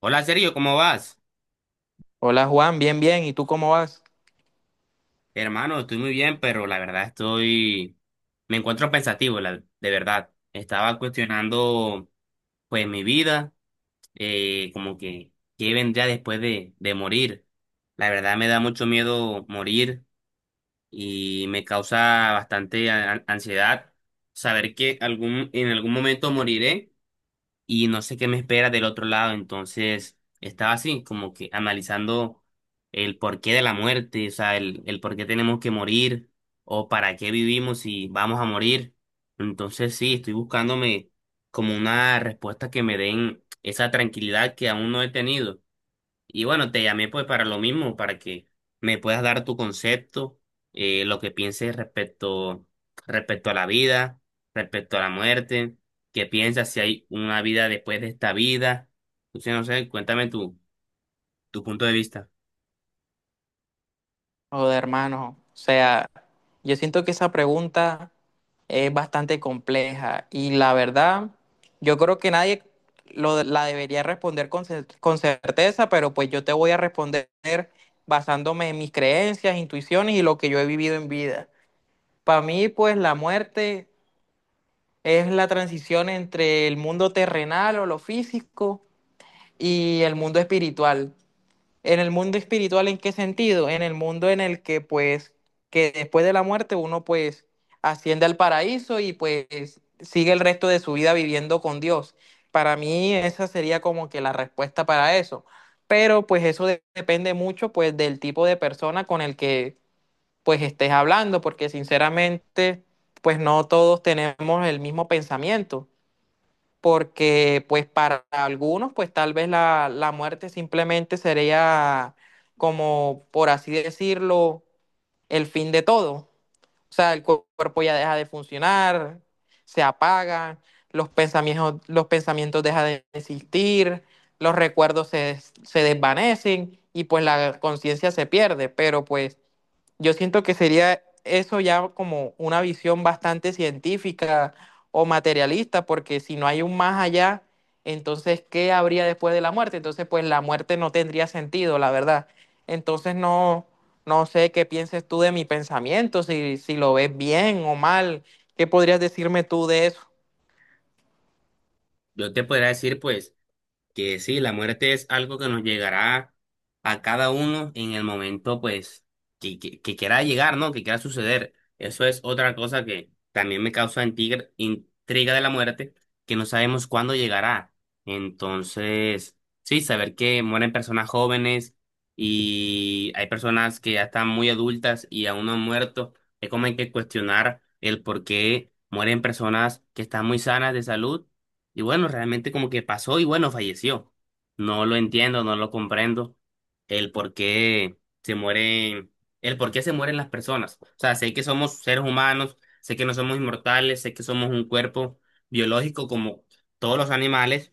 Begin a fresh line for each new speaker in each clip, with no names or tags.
Hola Sergio, ¿cómo vas?
Hola Juan, bien, bien. ¿Y tú cómo vas?
Hermano, estoy muy bien, pero la verdad estoy, me encuentro pensativo, de verdad. Estaba cuestionando pues mi vida, como que qué vendría después de morir. La verdad me da mucho miedo morir y me causa bastante ansiedad saber que en algún momento moriré y no sé qué me espera del otro lado. Entonces, estaba así, como que analizando el porqué de la muerte, o sea, el por qué tenemos que morir o para qué vivimos si vamos a morir. Entonces, sí, estoy buscándome como una respuesta que me den esa tranquilidad que aún no he tenido. Y bueno, te llamé pues para lo mismo, para que me puedas dar tu concepto, lo que pienses respecto a la vida, respecto a la muerte, qué piensas si hay una vida después de esta vida. Entonces, no sé, tu punto de vista.
Joder, hermano. O sea, yo siento que esa pregunta es bastante compleja y la verdad, yo creo que nadie la debería responder con certeza, pero pues yo te voy a responder basándome en mis creencias, intuiciones y lo que yo he vivido en vida. Para mí, pues la muerte es la transición entre el mundo terrenal o lo físico y el mundo espiritual. En el mundo espiritual, ¿en qué sentido? En el mundo en el que, pues, que después de la muerte uno, pues, asciende al paraíso y, pues, sigue el resto de su vida viviendo con Dios. Para mí esa sería como que la respuesta para eso. Pero, pues, eso depende mucho, pues, del tipo de persona con el que, pues, estés hablando, porque sinceramente, pues, no todos tenemos el mismo pensamiento porque pues para algunos pues tal vez la muerte simplemente sería como, por así decirlo, el fin de todo. O sea, el cuerpo ya deja de funcionar, se apaga, los pensamientos dejan de existir, los recuerdos se desvanecen y pues la conciencia se pierde, pero pues yo siento que sería eso ya como una visión bastante científica o materialista, porque si no hay un más allá, entonces, ¿qué habría después de la muerte? Entonces, pues la muerte no tendría sentido, la verdad. Entonces, no, no sé qué pienses tú de mi pensamiento, si lo ves bien o mal, ¿qué podrías decirme tú de eso?
Yo te podría decir pues que sí, la muerte es algo que nos llegará a cada uno en el momento, pues, que quiera llegar, ¿no? Que quiera suceder. Eso es otra cosa que también me causa intriga, intriga de la muerte, que no sabemos cuándo llegará. Entonces, sí, saber que mueren personas jóvenes y hay personas que ya están muy adultas y aún no han muerto, es como hay que cuestionar el por qué mueren personas que están muy sanas de salud y bueno, realmente como que pasó y bueno, falleció. No lo entiendo, no lo comprendo. El por qué se mueren, el por qué se mueren las personas. O sea, sé que somos seres humanos, sé que no somos inmortales, sé que somos un cuerpo biológico como todos los animales,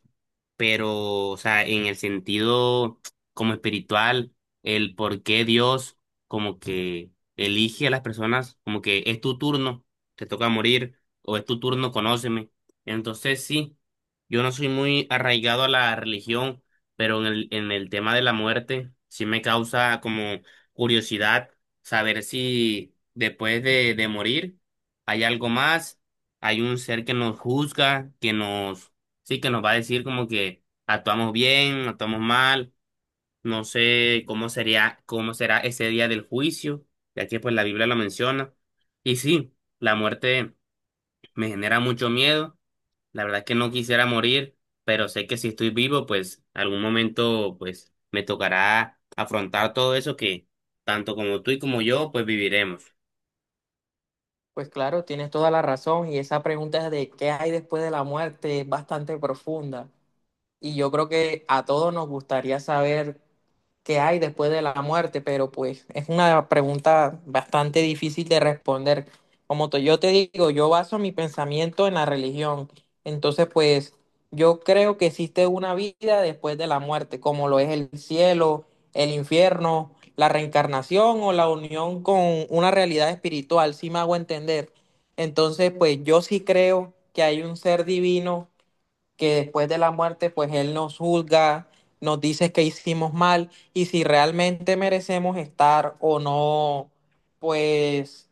pero, o sea, en el sentido como espiritual, el por qué Dios como que elige a las personas, como que es tu turno, te toca morir, o es tu turno, conóceme. Entonces, sí, yo no soy muy arraigado a la religión, pero en el tema de la muerte, sí me causa como curiosidad saber si después de morir hay algo más, hay un ser que nos juzga, que nos Sí, que nos va a decir como que actuamos bien, actuamos mal, no sé cómo sería, cómo será ese día del juicio, ya que pues la Biblia lo menciona. Y sí, la muerte me genera mucho miedo, la verdad es que no quisiera morir, pero sé que si estoy vivo, pues algún momento pues me tocará afrontar todo eso que tanto como tú y como yo pues viviremos.
Pues claro, tienes toda la razón y esa pregunta de qué hay después de la muerte es bastante profunda. Y yo creo que a todos nos gustaría saber qué hay después de la muerte, pero pues es una pregunta bastante difícil de responder. Como yo te digo, yo baso mi pensamiento en la religión. Entonces, pues yo creo que existe una vida después de la muerte, como lo es el cielo, el infierno, la reencarnación o la unión con una realidad espiritual, si me hago entender. Entonces, pues yo sí creo que hay un ser divino que después de la muerte, pues Él nos juzga, nos dice que hicimos mal y si realmente merecemos estar o no, pues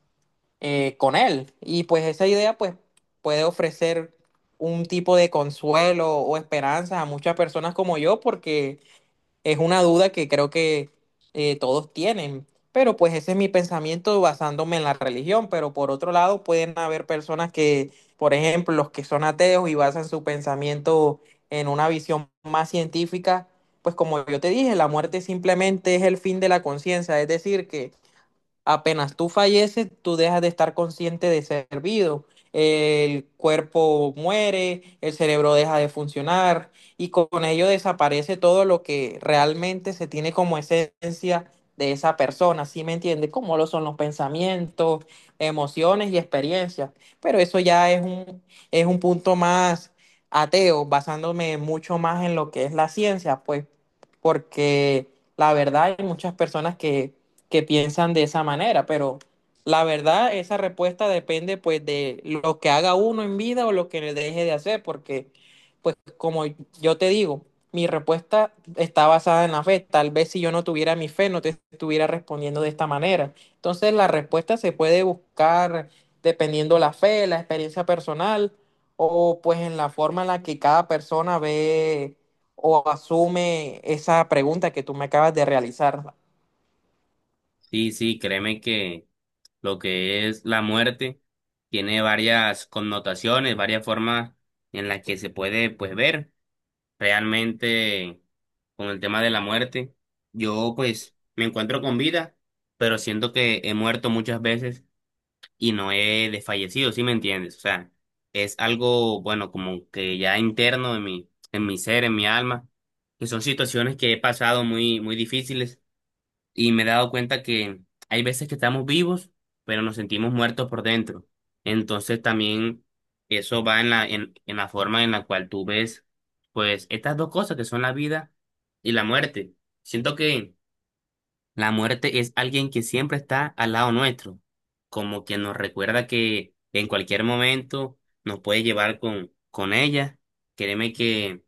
con Él. Y pues esa idea, pues puede ofrecer un tipo de consuelo o esperanza a muchas personas como yo, porque es una duda que creo que todos tienen, pero pues ese es mi pensamiento basándome en la religión, pero por otro lado pueden haber personas que, por ejemplo, los que son ateos y basan su pensamiento en una visión más científica, pues como yo te dije, la muerte simplemente es el fin de la conciencia, es decir, que apenas tú falleces, tú dejas de estar consciente de ser vivo. El cuerpo muere, el cerebro deja de funcionar y con ello desaparece todo lo que realmente se tiene como esencia de esa persona, ¿sí me entiendes? Como lo son los pensamientos, emociones y experiencias. Pero eso ya es un punto más ateo, basándome mucho más en lo que es la ciencia, pues, porque la verdad hay muchas personas que piensan de esa manera, pero la verdad, esa respuesta depende pues de lo que haga uno en vida o lo que le deje de hacer, porque pues como yo te digo, mi respuesta está basada en la fe. Tal vez si yo no tuviera mi fe, no te estuviera respondiendo de esta manera. Entonces la respuesta se puede buscar dependiendo la fe, la experiencia personal o pues en la forma en la que cada persona ve o asume esa pregunta que tú me acabas de realizar.
Sí, sí, créeme lo que es la muerte, tiene varias connotaciones, varias formas en las que se puede pues ver realmente con el tema de la muerte. Yo pues me encuentro con vida, pero siento que he muerto muchas veces y no he desfallecido, ¿sí me entiendes? O sea, es algo bueno como que ya interno en mi ser, en mi alma, que son situaciones que he pasado muy muy difíciles y me he dado cuenta que hay veces que estamos vivos, pero nos sentimos muertos por dentro. Entonces también eso va en la forma en la cual tú ves, pues, estas dos cosas que son la vida y la muerte. Siento que la muerte es alguien que siempre está al lado nuestro, como que nos recuerda que en cualquier momento nos puede llevar con ella. Créeme que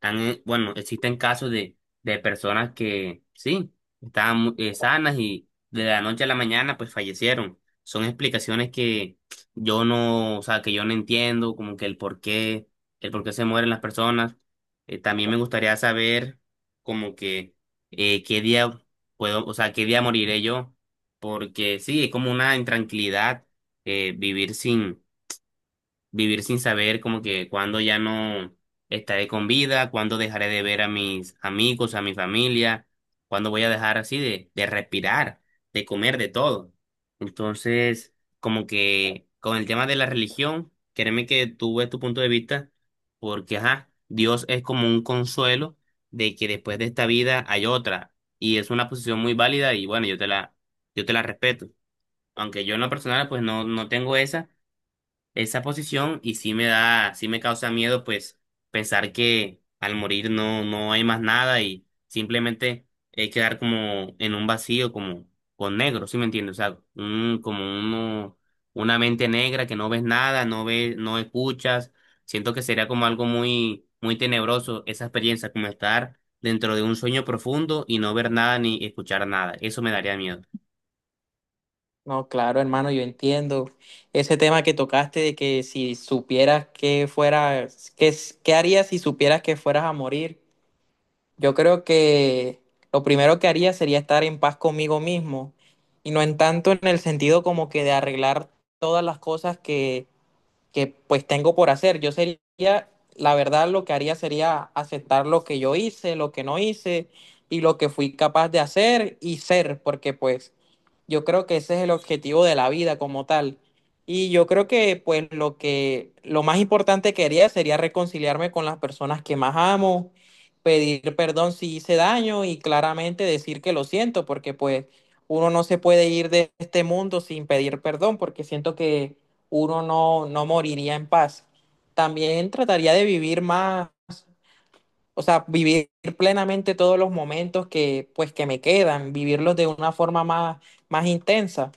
existen casos de personas que sí, estaban sanas y de la noche a la mañana pues fallecieron. Son explicaciones que yo no, o sea, que yo no entiendo, como que el por qué se mueren las personas. También me gustaría saber como que qué día puedo, o sea, qué día moriré yo, porque sí, es como una intranquilidad eh, vivir sin vivir sin saber como que cuándo ya no estaré con vida, cuándo dejaré de ver a mis amigos, a mi familia, cuándo voy a dejar así de respirar, de comer, de todo. Entonces, como que con el tema de la religión, créeme que tú ves tu punto de vista, porque ajá, Dios es como un consuelo de que después de esta vida hay otra, y es una posición muy válida y bueno, yo te la respeto. Aunque yo en lo personal pues no, no tengo esa posición y sí me da, sí me causa miedo, pues pensar que al morir no, no hay más nada y simplemente quedar como en un vacío, como con negro, ¿sí me entiendes? O sea, un, como uno, una mente negra que no ves nada, no ves, no escuchas. Siento que sería como algo muy, muy tenebroso esa experiencia, como estar dentro de un sueño profundo y no ver nada ni escuchar nada. Eso me daría miedo.
No, claro, hermano, yo entiendo ese tema que tocaste de que si supieras que fueras, qué, qué harías si supieras que fueras a morir. Yo creo que lo primero que haría sería estar en paz conmigo mismo y no en tanto en el sentido como que de arreglar todas las cosas que pues tengo por hacer. Yo sería, la verdad, lo que haría sería aceptar lo que yo hice, lo que no hice y lo que fui capaz de hacer y ser, porque pues yo creo que ese es el objetivo de la vida como tal. Y yo creo que pues lo más importante que haría sería reconciliarme con las personas que más amo, pedir perdón si hice daño y claramente decir que lo siento, porque pues uno no se puede ir de este mundo sin pedir perdón, porque siento que uno no, no moriría en paz. También trataría de vivir más, o sea, vivir plenamente todos los momentos que, pues, que me quedan, vivirlos de una forma más, más intensa.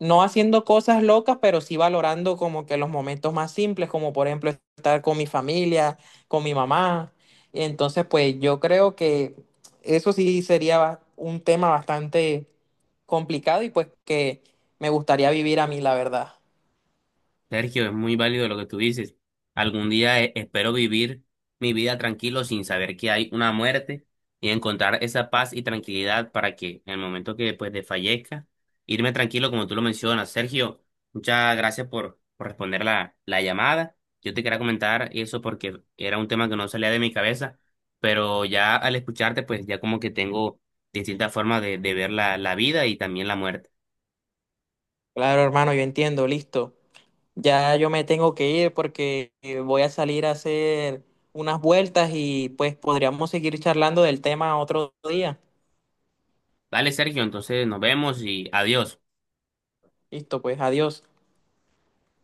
No haciendo cosas locas, pero sí valorando como que los momentos más simples, como por ejemplo estar con mi familia, con mi mamá. Entonces, pues yo creo que eso sí sería un tema bastante complicado y pues que me gustaría vivir a mí, la verdad.
Sergio, es muy válido lo que tú dices. Algún día espero vivir mi vida tranquilo sin saber que hay una muerte y encontrar esa paz y tranquilidad para que en el momento que pues desfallezca, irme tranquilo como tú lo mencionas. Sergio, muchas gracias por responder la llamada. Yo te quería comentar eso porque era un tema que no salía de mi cabeza, pero ya al escucharte pues ya como que tengo distintas formas de ver la vida y también la muerte.
Claro, hermano, yo entiendo, listo. Ya yo me tengo que ir porque voy a salir a hacer unas vueltas y pues podríamos seguir charlando del tema otro día.
Vale, Sergio, entonces nos vemos y adiós.
Listo, pues adiós.